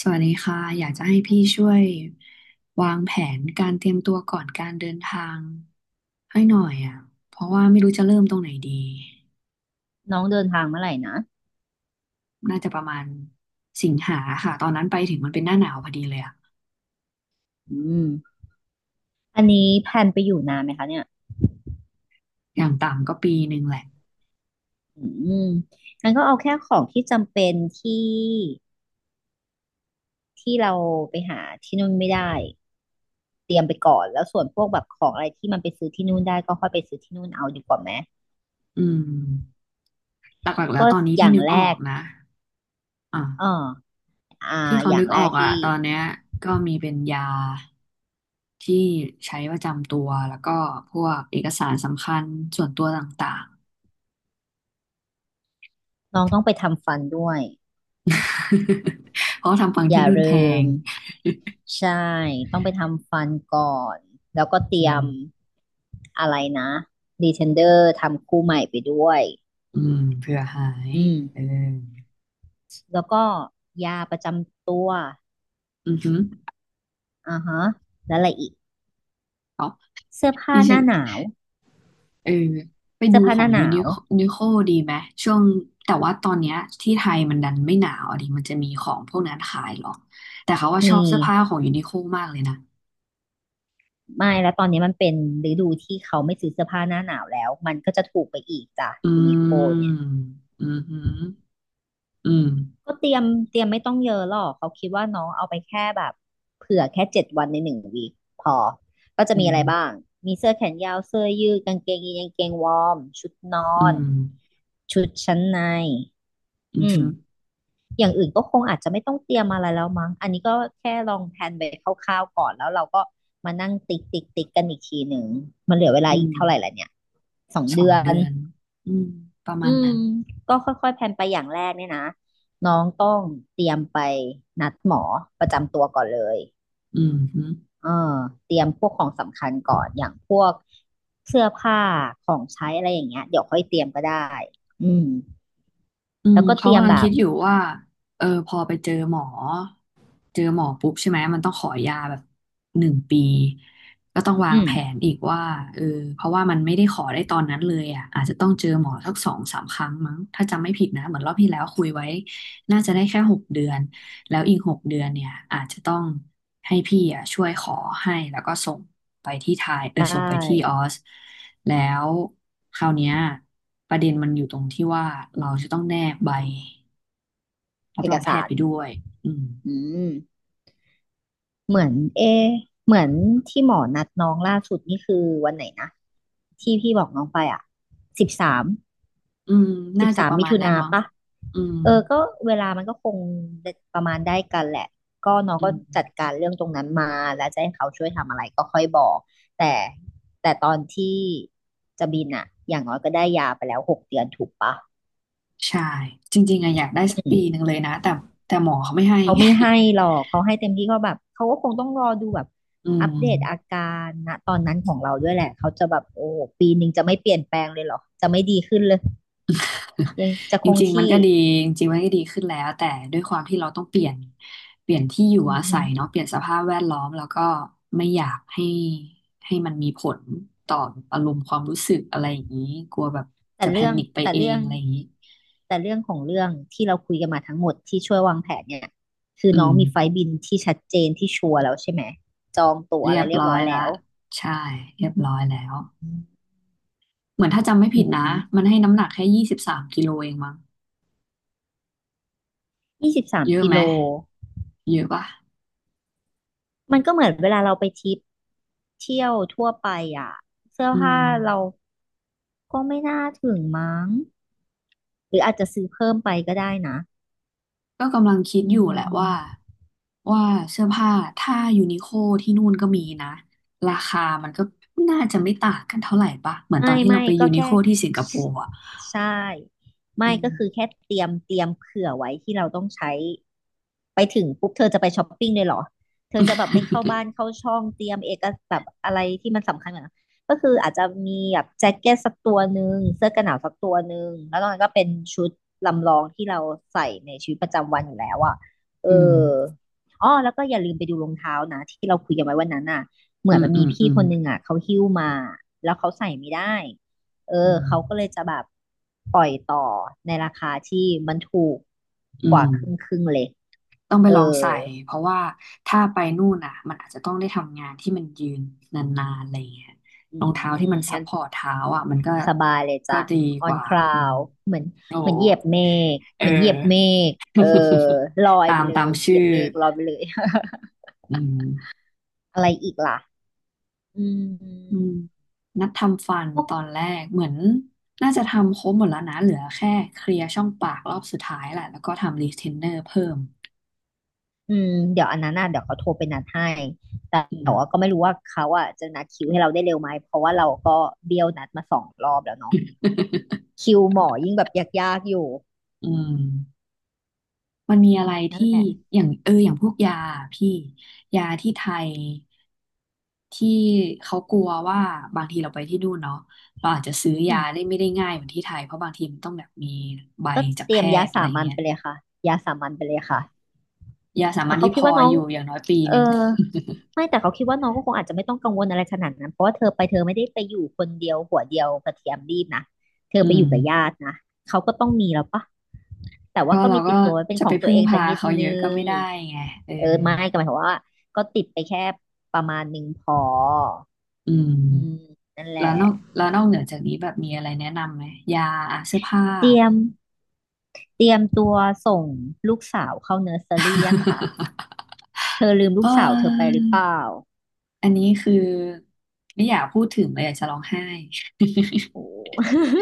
สวัสดีค่ะอยากจะให้พี่ช่วยวางแผนการเตรียมตัวก่อนการเดินทางให้หน่อยอ่ะเพราะว่าไม่รู้จะเริ่มตรงไหนดีน้องเดินทางเมื่อไหร่นะน่าจะประมาณสิงหาค่ะตอนนั้นไปถึงมันเป็นหน้าหนาวพอดีเลยอ่ะอืมอันนี้แพลนไปอยู่นานไหมคะเนี่ยอย่างต่ำก็ปีหนึ่งแหละอืมงั้นก็เอาแค่ของที่จำเป็นที่เราไปหาที่นู่นไม่ได้เตรียมไปก่อนแล้วส่วนพวกแบบของอะไรที่มันไปซื้อที่นู่นได้ก็ค่อยไปซื้อที่นู่นเอาดีกว่าไหม อืมหลักๆแล้วก็ตอนนี้อที่ย่างนึกแรออกกนะอ่เออาอ่าที่เขาอย่านึงกแรออกกอ่ะที่ตอนเนี้ยก็มีเป็นยาที่ใช้ประจำตัวแล้วก็พวกเอกสารสำคัญส่วนตัวต่างๆ น้องต้องไปทำฟันด้วย เพราะว่าทำฟังอที่ย่านู่นแพลืง มใช่ต้องไปทำฟันก่อนแล้วก็เต อืรียมมอะไรนะดีเทนเดอร์ทำคู่ใหม่ไปด้วย อืมเผื่อหายอืมเออแล้วก็ยาประจำตัวอือหืออ่าฮะแล้วอะไรอีกเสื้อผ้านี่หฉันน้าหนาวเออไปดูเสื้อผ้าขหองน้ายูหนินาวนิโคดีไหมช่วงแต่ว่าตอนเนี้ยที่ไทยมันดันไม่หนาวอะดิมันจะมีของพวกนั้นขายหรอแต่เขาว่าชอบมีเสื้อผ้าของยูนิโคมากเลยนะไม่แล้วตอนนี้มันเป็นฤดูที่เขาไม่ซื้อเสื้อผ้าหน้าหนาวแล้วมันก็จะถูกไปอีกจ้ะอืยูนิโคมเนี่ยอือหืออืมก็เตรียมไม่ต้องเยอะหรอกเขาคิดว่าน้องเอาไปแค่แบบเผื่อแค่7 วันในหนึ่งวีคพอก็จะอืมีอะไรบ้างมมีเสื้อแขนยาวเสื้อยืดกางเกงยีนกางเกงวอร์มชุดนออืนมชุดชั้นในอือือม หืออย่างอื่นก็คงอาจจะไม่ต้องเตรียมอะไรแล้วมั้งอันนี้ก็แค่ลองแพลนไปคร่าวๆก่อนแล้วเราก็มานั่งติ๊กติ๊กติ๊กกันอีกทีหนึ่งมันเหลือเวลาอือีกมเท่าไหร่ละเนี่ยสองสอเดืงอนเดือนอืมประอืมาณมนั้นก็ค่อยๆแพลนไปอย่างแรกเนี่ยนะน้องต้องเตรียมไปนัดหมอประจำตัวก่อนเลยอืมหือ เออเตรียมพวกของสำคัญก่อนอย่างพวกเสื้อผ้าของใช้อะไรอย่างเงี้ยเดี๋ยวค่อยเตรียมก็ได้อืมอืแล้มวก็เตเขารียมกำลังแบคิบดอยู่ว่าเออพอไปเจอหมอ เจอหมอปุ๊บใช่ไหมมันต้องขอยาแบบ1 ปี ก็ต้องวาอืงมแผนอีกว่าเออเพราะว่ามันไม่ได้ขอได้ตอนนั้นเลยอ่ะ อาจจะต้องเจอหมอสัก2-3 ครั้งมั้ง ถ้าจำไม่ผิดนะ เหมือนรอบที่แล้วคุยไว้ น่าจะได้แค่6 เดือน แล้วอีก6 เดือนเนี่ยอาจจะต้องให้พี่อ่ะช่วยขอให้แล้วก็ส่งไปที่ไทยไดส่งไปที่อ้อสแล้วคราวเนี้ยประเด็นมันอยู่ตรงที่ว่าเราจะต้องแนบใบรัเอบรกองแพสาทย์รไปด้วยอืมอืม เหมือนเอะเหมือนที่หมอนัดน้องล่าสุดนี่คือวันไหนนะที่พี่บอกน้องไปอ่ะสิบสามอืมสิน่าบจะสาปมระมิมาณถุนั้นนามั้งปะอืมเออก็เวลามันก็คงประมาณได้กันแหละก็น้องอืก็จัดมการเรื่องตรงนั้นมาแล้วจะให้เขาช่วยทำอะไรก็ค่อยบอกแต่แต่ตอนที่จะบินอ่ะอย่างน้อยก็ได้ยาไปแล้ว6 เดือนถูกปะใช่จริงๆอะอยากได้สักอืปีหม นึ่งเลยนะแต่แต่หมอเขาไม่ให้ เขาไม่ให้หรอกเขาให้เต็มที่ก็แบบเขาก็คงต้องรอดูแบบ อือัปม เดตอาการณตอนนั้นของเราด้วยแหละเขาจะแบบโอ้ปีหนึ่งจะไม่เปลี่ยนแปลงเลยเหรอจะไม่ดีขึ้นเลยยังจะจคงริงๆมันที่ก็ดีจริงๆมันก็ดีขึ้นแล้วแต่ด้วยความที่เราต้องเปลี่ยนที่อยู่อือาอฮึศัยเนาะเปลี่ยนสภาพแวดล้อมแล้วก็ไม่อยากให้มันมีผลต่ออารมณ์ความรู้สึกอะไรอย่างนี้กลัวแบบแต่จะแพเรื่องนิคไปแต่เอเรื่งองอะไรอย่างนี้แต่เรื่องของเรื่องที่เราคุยกันมาทั้งหมดที่ช่วยวางแผนเนี่ยคืออืน้อมงมีไฟล์บินที่ชัดเจนที่ชัวร์แล้วใช่ไหมจองตั๋วเรีอะยไรบเรียบร้อร้อยยแล้ละวใช่เรียบร้อยแล้วเหมือนถ้าจำไม่ผิดอืนะมัมนให้น้ำหนักแค่23 กิโลเองมั้งยี่สิบสามเยอะกิไหมโลเยอะป่ะมันก็เหมือนเวลาเราไปทริปเที่ยวทั่วไปอ่ะเสื้ออืผ้าม เรา ก็ไม่น่าถึงมั้งหรืออาจจะซื้อเพิ่มไปก็ได้นะก็กำลังคิดอือยู่แหละว่าม ว่าเสื้อผ้าถ้ายูนิโคที่นู่นก็มีนะราคามันก็น่าจะไม่ต่างกันเท่าไหร่ปะเหมือนตอไม่นที่เราไม่ไปยูก็นิโคแค่ที่สิงคโปร์อ่ะใช่อืไม่มก็คือแค่เตรียมเผื่อไว้ที่เราต้องใช้ไปถึงปุ๊บเธอจะไปช้อปปิ้งเลยเหรอเธอจะแบบไม่เข้าบ้านเข้าช่องเตรียมเอกสารแบบอะไรที่มันสำคัญเหมือนกันก็คืออาจจะมีแบบแจ็คเก็ตสักตัวหนึ่งเสื้อกันหนาวสักตัวหนึ่งแล้วตอนนั้นก็เป็นชุดลำลองที่เราใส่ในชีวิตประจำวันอยู่แล้วอ่ะเอออืมอ้อแล้วก็อย่าลืมไปดูรองเท้านะที่เราคุยกันไว้วันนั้นอ่ะ เหอืมือนมมันอืมีมอืพี่มคนหนึ่งอ่ะเขาหิ้วมาแล้วเขาใส่ไม่ได้เออือมเขาก็เลยจะแบบปล่อยต่อในราคาที่มันถูกอืกมว่าครึ่งครึ่งเลย ต้องไปเออลองใส่เพราะว่าถ้าไปนู่นอ่ะมันอาจจะต้องได้ทำงานที่มันยืนนานๆอะไรงเงี้ยอืรองเท้ามที่มันซัพงั้นพอร์ตเท้าอ่ะมันก็สบายเลยก็จ้ะ ดีก on ว่าอืม cloud เหมือนเหมือนเหยียบเมฆเออ เหมือนเหยียบเมฆเออลอ ยตาไปมเลตามยเหยียชื่อบเมฆลอยไปเลย อืม อะไรอีกล่ะอืม อืมนัดทำฟันตอนแรกเหมือนน่าจะทำครบหมดแล้วนะเหลือแค่เคลียร์ช่องปากรอบสุดท้ายแหละแล้วก็ทำรีเทนเนอร์เพิ่มอืมเดี๋ยวอันนั้นน่ะเดี๋ยวเขาโทรไปนัดให้แต่อืแต่ม ว่าก็ไม่รู้ว่าเขาอ่ะจะนัดคิวให้เราได้เร็วไหมเพราะว่าเราก็เบี้ยวนัดมา2 รอบแล้วเนาะ คิวหมอยิ่งแบบยากๆอยู่อืมมันมีอะไรนั่นที่แหละอย่างพวกยาพี่ยาที่ไทยที่เขากลัวว่าบางทีเราไปที่นู่นเนาะเราอาจจะซื้ออืยามไม่ได้ง่ายเหมือนที่ไทยเพราะบางทีมันต้องแบบมีใบก็จากเตแพรียมยาทย์อะไรสามัญเงี้ยไปเลยค่ะยาสามัญไปเลยค่ะยาสาแต่มัญเขาที่คิพดอว่าน้องอยู่อย่างน้อยปีเอหอ นึ่งไม่แต่เขาคิดว่าน้องก็คงอาจจะไม่ต้องกังวลอะไรขนาดนั้นเพราะว่าเธอไม่ได้ไปอยู่คนเดียวหัวเดียวกระเทียมรีบนะเธออืไปอม ยู่กับญาตินะเขาก็ต้องมีแล้วปะแต่ก็ว่าก็เรามีก็ติดตัวไว้เป็นจะขไปองตัวพึ่งเองสัพากนิดเขาเยอะนึก็งไม่ได้ไงเออเออไม่ก็หมายความว่าก็ติดไปแค่ประมาณหนึ่งพออือืมมนั่นแหแล้ละวนอกแล้วนอกเหนือจากนี้แบบมีอะไรแนะนำไหมยาอ่ะเสื้อผ้า เตรียม เตรียมตัวส่งลูกสาวเข้าเนอร์เซอรี่ยังคะเธอลืมลูเกสาวเธอไปออหรือเปล่าอันนี้คือไม่อยากพูดถึงเลยอยากจะร้องไห้ โอ้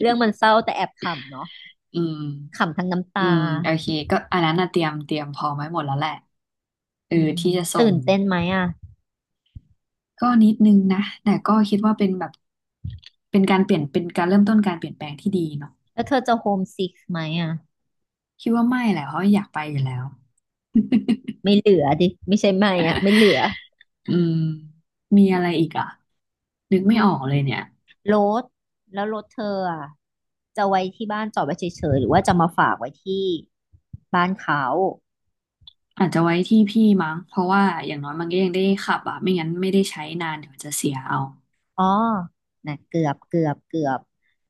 เรื่องมันเศร้าแต่แอบขำเนาะ อืมขำทั้งน้ำอืตามโอเคก็อันนั้นน่ะเตรียมพร้อมไว้หมดแล้วแหละเอออืมที่จะส่ตื่งนเต้นไหมอ่ะ ก็นิดนึงนะแต่ก็คิดว่าเป็นแบบเป็นการเปลี่ยนเป็นการเริ่มต้นการเปลี่ยนแปลงที่ดี แล้วเธอจะโฮมซิกไหมอ่ะ คิดว่าไม่แหละเพราะอยากไปอยู่แล้วไม่เหลือดิ ไม่ใช่ไม่อ่ะ ไม่เหลือ อืมมีอะไรอีกอ่ะนึกไม่อืออมกเลยเนี่ยรถแล้วรถเธออ่ะ จะไว้ที่บ้านจอดไว้เฉยๆ หรือว่าจะมาฝากไว้ที่บ้านเขา อาจจะไว้ที่พี่มั้งเพราะว่าอย่างน้อยมันก็ยังได้ขับอ่ะไม่งั้นไม่ได้ใช้นานเดี๋ยวจะเสียเอาอ๋อนะเกือบ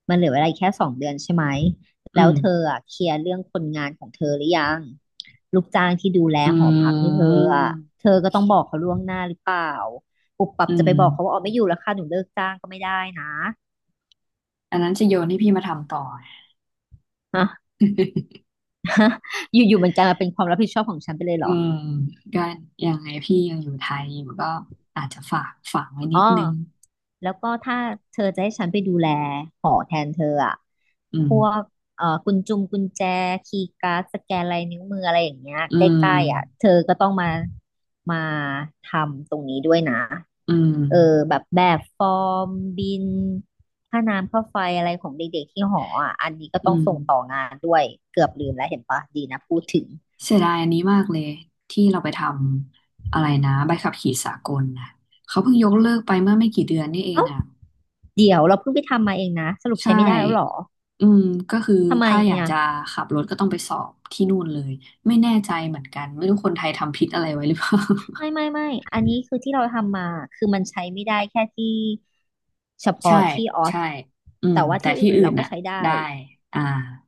มันเหลือเวลาอีกแค่2 เดือนใช่ไหม อืแล้วมเธออ่ะเคลียร์เรื่องคนงานของเธอหรือยังลูกจ้างที่ดูแลอืหอพักให้เธอมอ่ะเธอก็ต้องบอกเขาล่วงหน้าหรือเปล่า ปุบปับอืจะไปมบอกเขาว่าอ๋อไม่อยู่แล้วค่ะหนูเลิกจ้างก็ไม่ได้นะอันนั้นจะโยนให้พี่มาทำต่อฮะ อยู่ๆมันกลายมาเป็นความรับผิดชอบของฉันไปเลยเหรอือ มก็ยังไงพี่ยังอยู่ไทยอยู่ก็อาจจะฝากไว้นิอ๋อ ดนึงแล้วก็ถ้าเธอจะให้ฉันไปดูแลหอแทนเธออะอืพมวกกุญแจคีย์การ์ดสแกนลายนิ้วมืออะไรอย่างเงี้ยอืใกมล้ๆอ่ะเธอก็ต้องมาทำตรงนี้ด้วยนะ อืมเออแบบฟอร์มบินค่าน้ำค่าไฟอะไรของเด็กๆที่หออ่ะอันนี้ก็อืต้องม ส่งต่องานด้วยเกือบลืมแล้วเห็นปะดีนะพูดถึงเสียดายอันนี้มากเลยที่เราไปทำอะไรนะใบขับขี่สากลนะเขาเพิ่งยกเลิกไปเมื่อไม่กี่เดือนนี่เองเอ้าอ่ะเดี๋ยวเราเพิ่งไปทำมาเองนะสรุปใช่ใช้ไม่ได้แล้วเหรออืมก็คือทำไมถ้าอยากอ่ะ จะขับรถก็ต้องไปสอบที่นู่นเลยไม่แน่ใจเหมือนกันไม่รู้คนไทยทำผิดอะไรไว้หรือเปล่า ไม่อันนี้คือที่เราทำมา คือมันใช้ไม่ได้แค่ที่เฉ ใช่พาะที่ออสใช่อืมแต่ว่าแต่ที่ที่อื่นอื่เรานก็น่ะใช้ได้ได้อ่า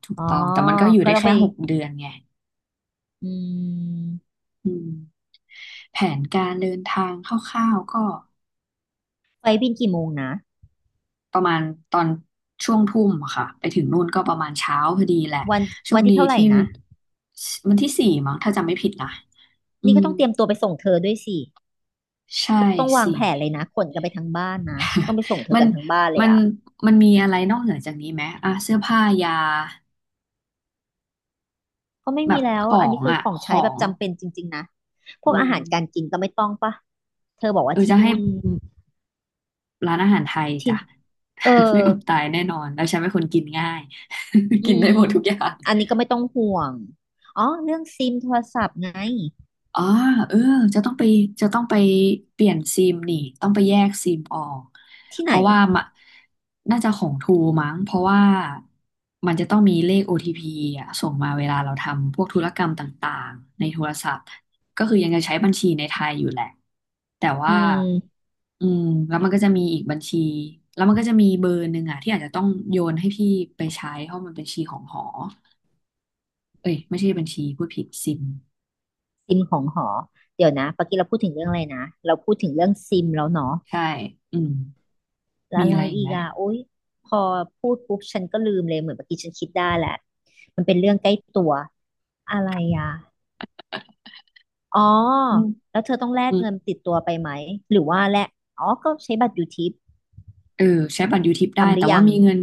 ถูกอ๋อต้องแต่มันก็อยู่ก็ได้ต้องแค่ไปหกเดือนไงอืมอืมแผนการเดินทางคร่าวๆก็ ไฟล์บินกี่โมงนะประมาณตอนช่วงทุ่มอะค่ะไปถึงนู่นก็ประมาณเช้าพอดีแหละวันโชวัคนที่ดีเท่าไหร่ที่นะวันที่สี่มั้งถ้าจำไม่ผิดนะอืนี่ก็มต้องเตรียมตัวไปส่งเธอด้วยสิใช่ก็ต้องวางแผสี่ นเลยนะขนกันไปทั้งบ้านนะ ต้องไปส่งเธ อมันกันทั้งบ้านเลมัยนอะมันมีอะไรนอกเหนือจากนี้ไหมอ่ะเสื้อผ้ายาก็ไม่แบมีบแล้ขว ออันงนี้คืออ่ะของขใช้อแบบงจำเป็นจริงๆนะพอืวกอามหารการกินก็ไม่ต้องปะเธอบอกเอว่าอที่จะให้นู่นร้านอาหารไทยที่จ้ะ เออ ไม่อดตายแน่นอนแล้วฉันเป็นคนกินง่าย อืกินได้มหมดทุกอย่าง อันนี้ก็ไม่ต้องห่วง อ๋อเรื่องซิมโทรศัพท์ไงอ๋อเออจะต้องไปจะต้องไปเปลี่ยนซิมนี่ ต้องไปแยกซิมออก ที่เพไหนราะว่ามะน่าจะของทูมั้งเพราะว่ามันจะต้องมีเลข OTP อทีพีอ่ะส่งมาเวลาเราทำพวกธุรกรรมต่างๆในโทรศัพท์ก็คือยังจะใช้บัญชีในไทยอยู่แหละ แต่อืว่ามอืมแล้วมันก็จะมีอีกบัญชี แล้วมันก็จะมีเบอร์หนึ่งอ่ะที่อาจจะต้องโยนให้พี่ไปใช้เพราะมันเป็นบัญชีของหอเอ้ยไม่ใช่บัญชีพูดผิดซิมซิมของหอ เดี๋ยวนะปกี้เราพูดถึงเรื่องอะไรนะ เราพูดถึงเรื่องซิมแล้วเนาะ ใช่อืม แล้วมีอะไรอะไรอีกอีไหมกอ่ะโอ๊ยพอพูดปุ๊บฉันก็ลืมเลยเหมือนเมื่อกี้ฉันคิดได้แหละ มันเป็นเรื่องใกล้ตัว อะไรอ่ะอ๋ออืมแล้วเธอต้องแลอืกมเงินติดตัวไปไหม หรือว่าแลกอ๋อก็ใช้บัตรยูทิปเออใช้บัตรยูทิปได้ ทำหรืแต่อว่ายังมีเงิน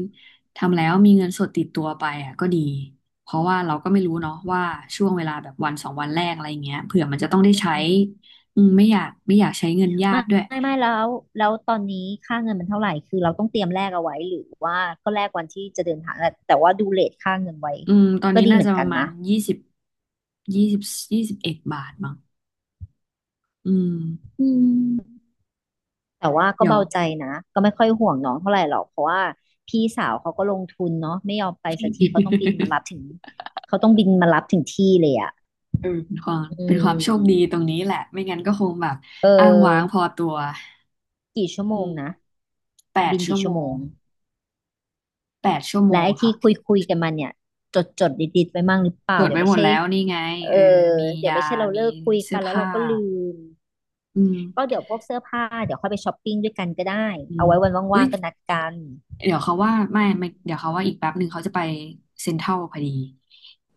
ทำแล้วมีเงินสดติดตัวไปอ่ะก็ดี เพราะว่าเราก็ไม่รู้เนาะว่าช่วงเวลาแบบวันสองวันแรกอะไรเงี้ยเผื่อมันจะต้องได้อืใช้ม อืมไม่อยากไม่อยากใช้เงินญาไม่ติด้วยไม่แล้วแล้วตอนนี้ค่าเงินมันเท่าไหร่คือเราต้องเตรียมแลกเอาไว้หรือว่าก็แลกวันที่จะเดินทางแต่ว่าดูเรทค่าเงินไว้อืมตอนก็นี้ดีน่าเหมืจะอนปกันระมาณนะยี่สิบ21 บาทมั้งอืมอืมแต่ว่าก็เดี๋ยว เบาใจนะก็ไม่ค่อยห่วงน้องเท่าไหร่หรอกเพราะว่าพี่สาวเขาก็ลงทุนเนาะไม่ยอมไปสักทีเขาต้องบินมารั บถึงเขาต้องบินมารับถึงที่เลยอ่ะเออเป็นความอืเป็นความโชคดีตรงมนี้แหละไม่งั้นก็คงแบบเอ้างว้างพอออตัวกี่ชั่วโมอืงมนะแปดบินชั่กี่วชั่โมวโมงงแปดชั่วโมและงไอ้ที่คุค่ะ ยคุยกันมาเนี่ยจดไว้มั่งหรือเปจล่าดเดี๋ยไว้วหไม่มดใช่ แล้วนี่ไงเอเอออมีเดี๋ยวยาไม่ใช่เรามีเลิกคุยเสื้กัอนแล้วเราผ้าก็ลืมอืมก็เดี๋ยวพวกเสื้อผ้าเดี๋ยวค่อยไปช้อปปิ้งด้วยกันก็ได้อืเอามไว้วันอุ๊ว่ายงๆก็นัดกันเดี๋ยวเขาว่าไม่อืไม่มเดี๋ยวเขาว่าอีกแป๊บหนึ่งเขาจะไปเซ็นทรัลพอดี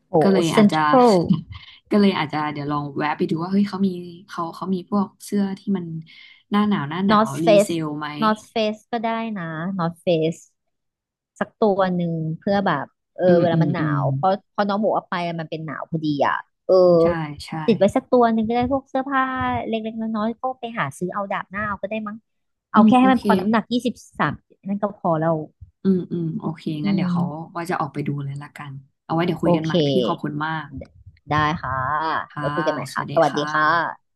โอ้ก็เลยเซ็อาจนจะ ทรัล ก็เลยอาจจะเดี๋ยวลองแวะไปดูว่าเฮ้ยเขามีเขามีพวกเสื้อที่มันหน้าหนาวหน้าหนนาอ ว h เฟรีเซสลไหมนอ h เฟสก็ได้นะนอ h เฟสสักตัวหนึ่งเพื่อแบบเอออืมเวอืลามมันหอืนามวเพราะเพอน้องหมูเอกว่าไปมันเป็นหนาวพอดีอ่ะเออใช่ใช่ติดไว้สักตัวหนึ่งก็ได้พวกเสื้อผ้าเล็กๆน้อยๆก็ไปหาซื้อเอาดาบหน้าเอาก็ได้มั้งอืเอามแค่โอให้มันเคพอน้ำหนัก23นั่นก็พอแล้วอืมอืมโอเคอืงั้นเดี๋ยวเขาม ว่าจะออกไปดูเลยละกันเอาไว้เดี๋ยวคุโอยกันใหเค ม่พี่ขอบคุณมากได้ค่ะค่ะไว้คุยกันใหม่สค่ะ วัสดีสวัสดีค่ะค่ะ